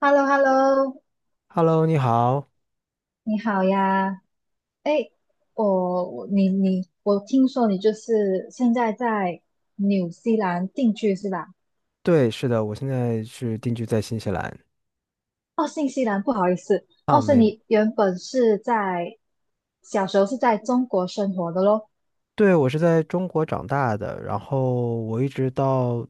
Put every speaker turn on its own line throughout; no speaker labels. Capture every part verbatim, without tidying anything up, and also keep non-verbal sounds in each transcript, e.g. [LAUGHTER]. h e l l o h e l l o
Hello，你好。
你好呀。哎，我我你你我听说你就是现在在纽西兰定居是吧？
对，是的，我现在是定居在新西兰。
哦，新西兰，不好意思。哦，所以你原本是在小时候是在中国生活的咯。
对，我是在中国长大的，然后我一直到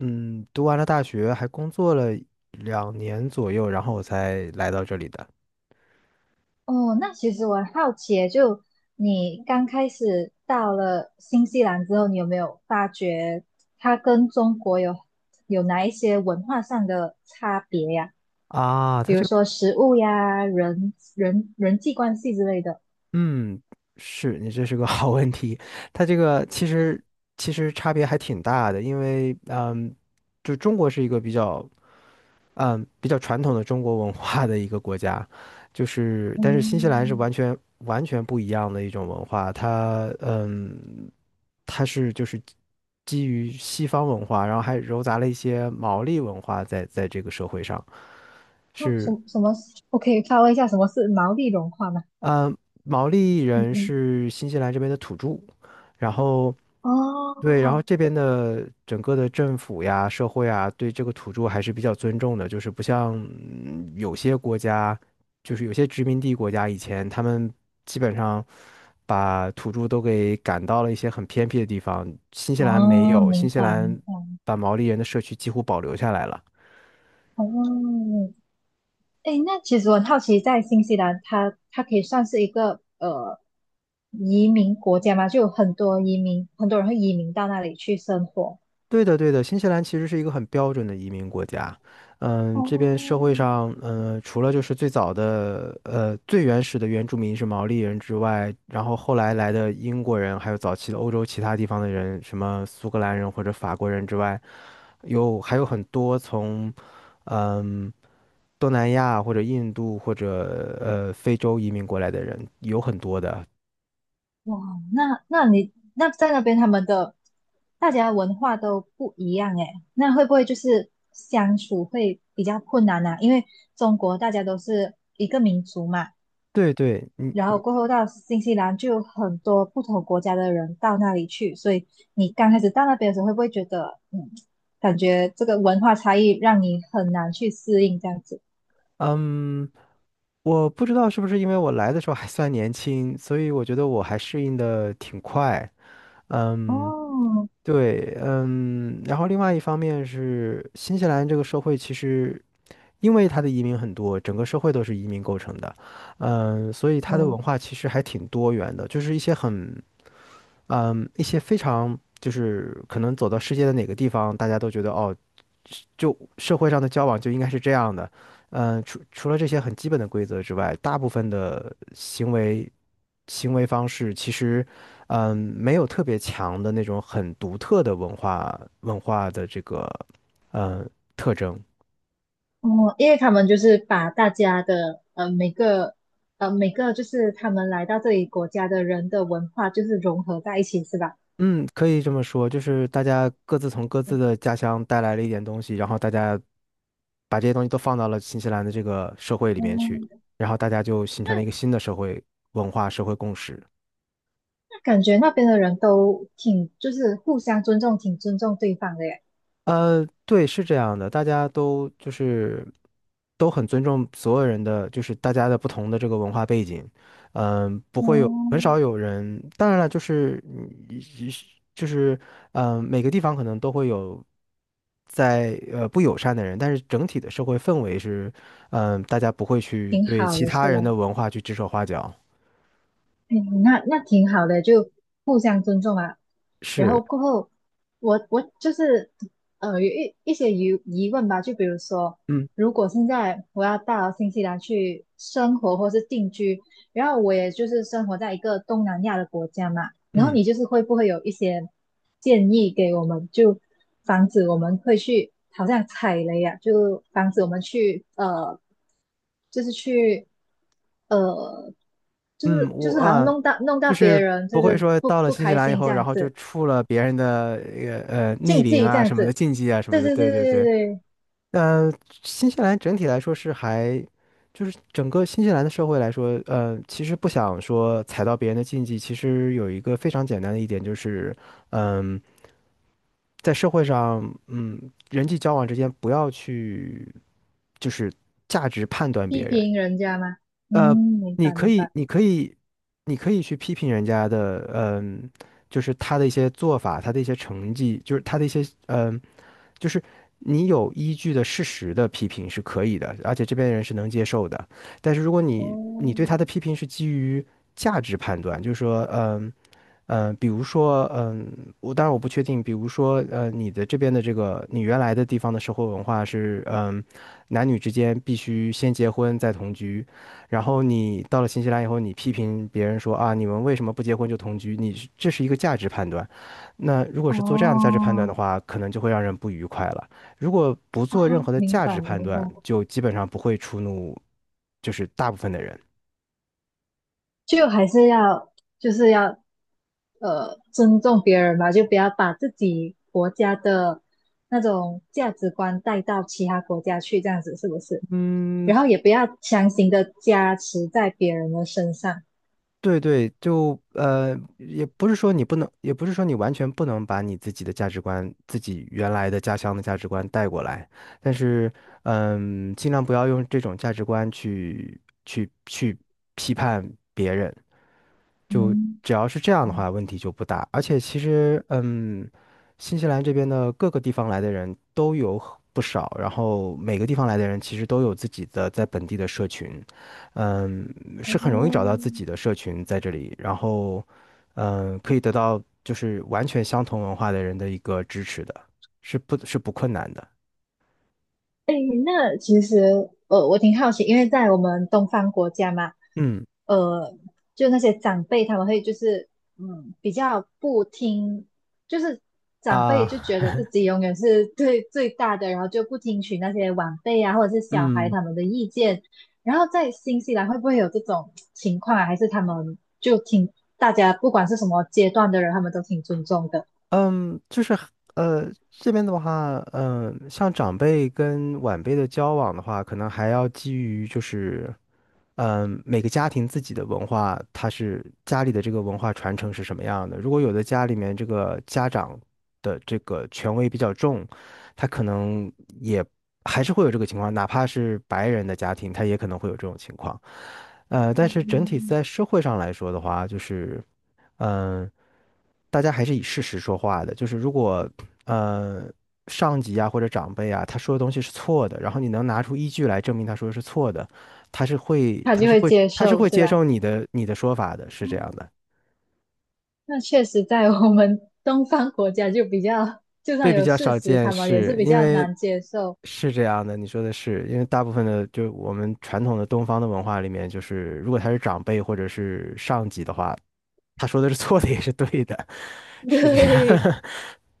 嗯读完了大学，还工作了两年左右，然后我才来到这里的。
哦，那其实我很好奇耶，就你刚开始到了新西兰之后，你有没有发觉它跟中国有有哪一些文化上的差别呀？
啊，
比
它
如
这个
说食物呀、人人人际关系之类的。
嗯，是你这是个 [LAUGHS] 好问题。它这个其实其实差别还挺大的，因为嗯，就中国是一个比较。嗯，比较传统的中国文化的一个国家，就是但是新西兰是
嗯，
完全完全不一样的一种文化，它嗯，它是就是基于西方文化，然后还糅杂了一些毛利文化在在这个社会上，
那什
是。
么什么？我可以发问一下，什么是毛利融化吗？
呃，毛利
嗯
人
嗯，
是新西兰这边的土著，然后对，然后
哦
这边的整个的政府呀、社会啊，对这个土著还是比较尊重的，就是不像嗯有些国家，就是有些殖民地国家以前他们基本上把土著都给赶到了一些很偏僻的地方，新西兰没
哦，
有，
明
新西
白明
兰
白。
把毛利人的社区几乎保留下来了。
哦，哎，那其实我很好奇，在新西兰它，它可以算是一个呃移民国家吗？就有很多移民，很多人会移民到那里去生活。
对的，对的，新西兰其实是一个很标准的移民国家。嗯，这边社
哦，
会上，嗯，除了就是最早的，呃，最原始的原住民是毛利人之外，然后后来来的英国人，还有早期的欧洲其他地方的人，什么苏格兰人或者法国人之外，有还有很多从嗯东南亚或者印度或者呃非洲移民过来的人，有很多的。
哇，那那你那在那边他们的大家文化都不一样诶，那会不会就是相处会比较困难啊？因为中国大家都是一个民族嘛，
对对，你
然后过后到新西兰就有很多不同国家的人到那里去，所以你刚开始到那边的时候，会不会觉得嗯，感觉这个文化差异让你很难去适应这样子？
嗯。嗯我不知道是不是因为我来的时候还算年轻，所以我觉得我还适应的挺快。嗯，
哦，
对，嗯，然后另外一方面是新西兰这个社会其实因为它的移民很多，整个社会都是移民构成的，嗯，所以它的文
嗯。
化其实还挺多元的，就是一些很，嗯，一些非常就是可能走到世界的哪个地方，大家都觉得哦，就社会上的交往就应该是这样的。嗯，除除了这些很基本的规则之外，大部分的行为行为方式其实，嗯，没有特别强的那种很独特的文化文化的这个嗯特征。
哦，因为他们就是把大家的呃每个呃每个就是他们来到这里国家的人的文化就是融合在一起，是吧？
嗯，可以这么说，就是大家各自从各自的家乡带来了一点东西，然后大家把这些东西都放到了新西兰的这个社会里面去，
嗯，
然后大家就形成了
那
一个新的社会文化、社会共识。
那感觉那边的人都挺就是互相尊重，挺尊重对方的耶。
呃，对，是这样的，大家都就是都很尊重所有人的，就是大家的不同的这个文化背景，嗯，不会有很
哦，
少有人，当然了，就是嗯就是嗯，呃每个地方可能都会有在呃不友善的人，但是整体的社会氛围是，嗯，大家不会去
挺
对
好
其
的，
他
是
人的
吧？
文化去指手画脚，
嗯，那那挺好的，就互相尊重啊。然后
是，
过后，我我就是呃有一一些疑疑问吧，就比如说，
嗯
如果现在我要到新西兰去生活或是定居，然后我也就是生活在一个东南亚的国家嘛，然后
嗯。
你就是会不会有一些建议给我们，就防止我们会去好像踩雷呀、啊就防止我们去呃，就是去呃，就
嗯，
是就
我
是好
啊，
像
呃
弄到弄
就
到别
是
人就
不会
是
说
不
到了
不
新西
开
兰以
心这
后，然
样
后就
子，
触了别人的呃呃逆
禁
鳞
忌这
啊
样
什么的
子，
禁忌啊什么
对
的。
对
对
对对
对
对
对，
对，
呃，新西兰整体来说是还，就是整个新西兰的社会来说，呃，其实不想说踩到别人的禁忌，其实有一个非常简单的一点就是，嗯、在社会上，嗯，人际交往之间不要去，就是价值判断别
批
人。
评人家嘛，嗯，
呃，
明
你
白
可
明
以，
白，
你可以，你可以去批评人家的，嗯、就是他的一些做法，他的一些成绩，就是他的一些，嗯、就是你有依据的事实的批评是可以的，而且这边人是能接受的。但是如果你你对他的批
哦
评是基于价值判断，就是说，嗯、嗯、呃比如说，嗯、我当然我不确定，比如说，呃，你的这边的这个，你原来的地方的社会文化是，嗯、男女之间必须先结婚再同居，然后你到了新西兰以后，你批评别人说啊，你们为什么不结婚就同居？你是这是一个价值判断。那如果是做这样的价值判断
哦
的话，可能就会让人不愉快了。如果不
哦，
做任何的
明
价值
白
判
明白，
断，就基本上不会触怒，就是大部分的人。
就还是要就是要呃尊重别人吧，就不要把自己国家的那种价值观带到其他国家去，这样子是不是？
嗯，
然后也不要强行的加持在别人的身上。
对对，就呃，也不是说你不能，也不是说你完全不能把你自己的价值观、自己原来的家乡的价值观带过来，但是嗯，尽量不要用这种价值观去去去批判别人。就
嗯，
只要是这样的
哦，
话，问题就不大。而且其实，嗯，新西兰这边的各个地方来的人都有很不少，然后每个地方来的人其实都有自己的在本地的社群，嗯，是很容易找到自己的社群在这里，然后，嗯，可以得到就是完全相同文化的人的一个支持的，是不，是不困难的。
那其实，呃，我挺好奇，因为在我们东方国家嘛，
嗯
呃，就那些长辈他们会就是，嗯，比较不听，就是长
啊，
辈就觉得自己永远是对 [LAUGHS] 最大的，然后就不听取那些晚辈啊或者是小孩
嗯。
他们的意见。然后在新西兰会不会有这种情况啊？还是他们就挺大家不管是什么阶段的人，他们都挺尊重的，
嗯，就是呃，这边的话，嗯、呃像长辈跟晚辈的交往的话，可能还要基于就是，嗯、每个家庭自己的文化，它是家里的这个文化传承是什么样的。如果有的家里面这个家长的这个权威比较重，他可能也还是会有这个情况，哪怕是白人的家庭，他也可能会有这种情况。呃，但是整体
嗯
在社会上来说的话，就是。嗯，大家还是以事实说话的。就是如果呃上级啊或者长辈啊他说的东西是错的，然后你能拿出依据来证明他说的是错的，他是会
他
他
就
是
会
会
接
他是
受，
会
是
接
吧？
受你的你的说法的，是这样的。
那确实，在我们 [LAUGHS] 东方国家就比较，就
对，
算
比
有
较
事
少
实，
见，
他们也是
是
比
因
较
为
难接受。
是这样的，你说的是，因为大部分的就我们传统的东方的文化里面，就是如果他是长辈或者是上级的话，他说的是错的也是对的，[LAUGHS]
[LAUGHS]
是这样。
对，
[LAUGHS]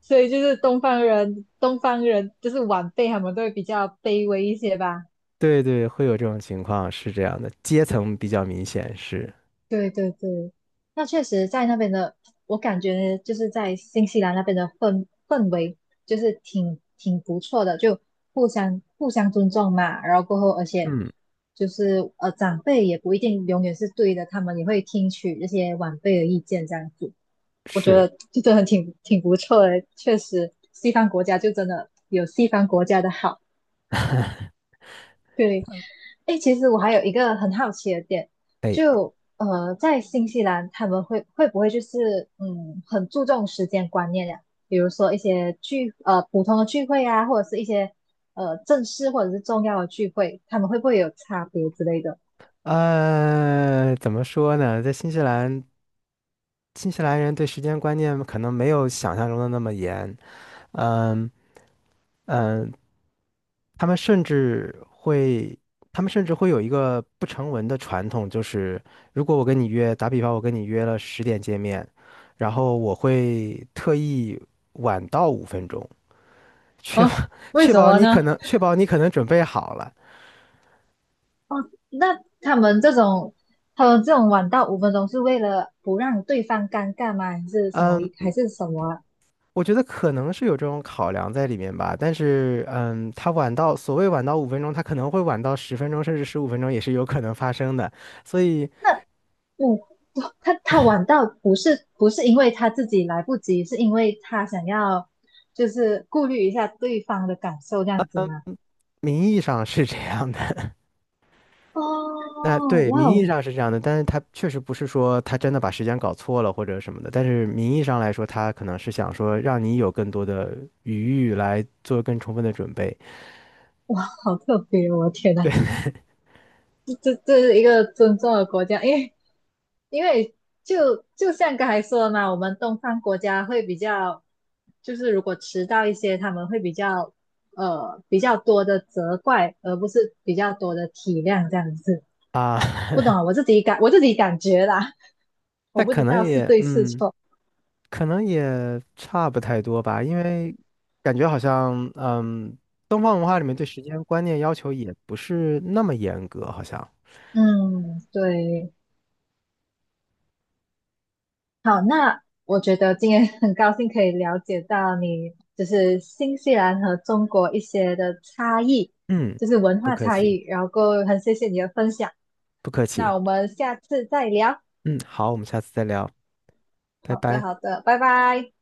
所以就是东方人，东方人就是晚辈，他们都会比较卑微一些吧。
对对，会有这种情况，是这样的，阶层比较明显，是，
对对对，那确实在那边的，我感觉就是在新西兰那边的氛氛围就是挺挺不错的，就互相互相尊重嘛，然后过后而且
嗯，
就是呃长辈也不一定永远是对的，他们也会听取这些晚辈的意见这样子，我觉
是，
得就真的挺挺不错的，确实西方国家就真的有西方国家的好。对，哎，其实我还有一个很好奇的点，就呃，在新西兰他们会会不会就是嗯，很注重时间观念呀？比如说一些聚呃普通的聚会啊，或者是一些呃正式或者是重要的聚会，他们会不会有差别之类的？
呃，怎么说呢，在新西兰，新西兰人对时间观念可能没有想象中的那么严，嗯嗯，他们甚至会，他们甚至会有一个不成文的传统，就是如果我跟你约，打比方，我跟你约了十点见面，然后我会特意晚到五分钟。确保
啊，
[LAUGHS]
为
确
什
保
么
你
呢？
可能确保你可能准备好了。
哦，那他们这种他们这种晚到五分钟是为了不让对方尴尬吗？还是什么？
嗯，
还是什么啊
我觉得可能是有这种考量在里面吧，但是嗯，他晚到所谓晚到五分钟，他可能会晚到十分钟甚至十五分钟也是有可能发生的，所以
那？嗯，哦他他晚到不是不是因为他自己来不及，是因为他想要就是顾虑一下对方的感受这样子吗？
名义上是这样的。[LAUGHS]
哦，
那对，
哇
名义
哦，
上是这样的，但是他确实不是说他真的把时间搞错了或者什么的，但是名义上来说，他可能是想说让你有更多的余裕来做更充分的准备
好特别哦！我的天呐，这这是一个尊重的国家，因为因为就就像刚才说的嘛，我们东方国家会比较，就是如果迟到一些，他们会比较呃比较多的责怪，而不是比较多的体谅这样子。
啊，[LAUGHS]
不懂啊，我自己感我自己感觉啦。我
那
不
可
知
能
道是
也
对是
嗯。
错。
可能也差不太多吧，因为感觉好像，嗯，东方文化里面对时间观念要求也不是那么严格，好像。
嗯，对，好，那我觉得今天很高兴可以了解到你就是新西兰和中国一些的差异，
嗯，
就是文
不
化
客
差
气，
异，然后很谢谢你的分享。
不客
那
气。
我们下次再聊。
嗯，好，我们下次再聊，拜
好的，
拜。
好的，拜拜。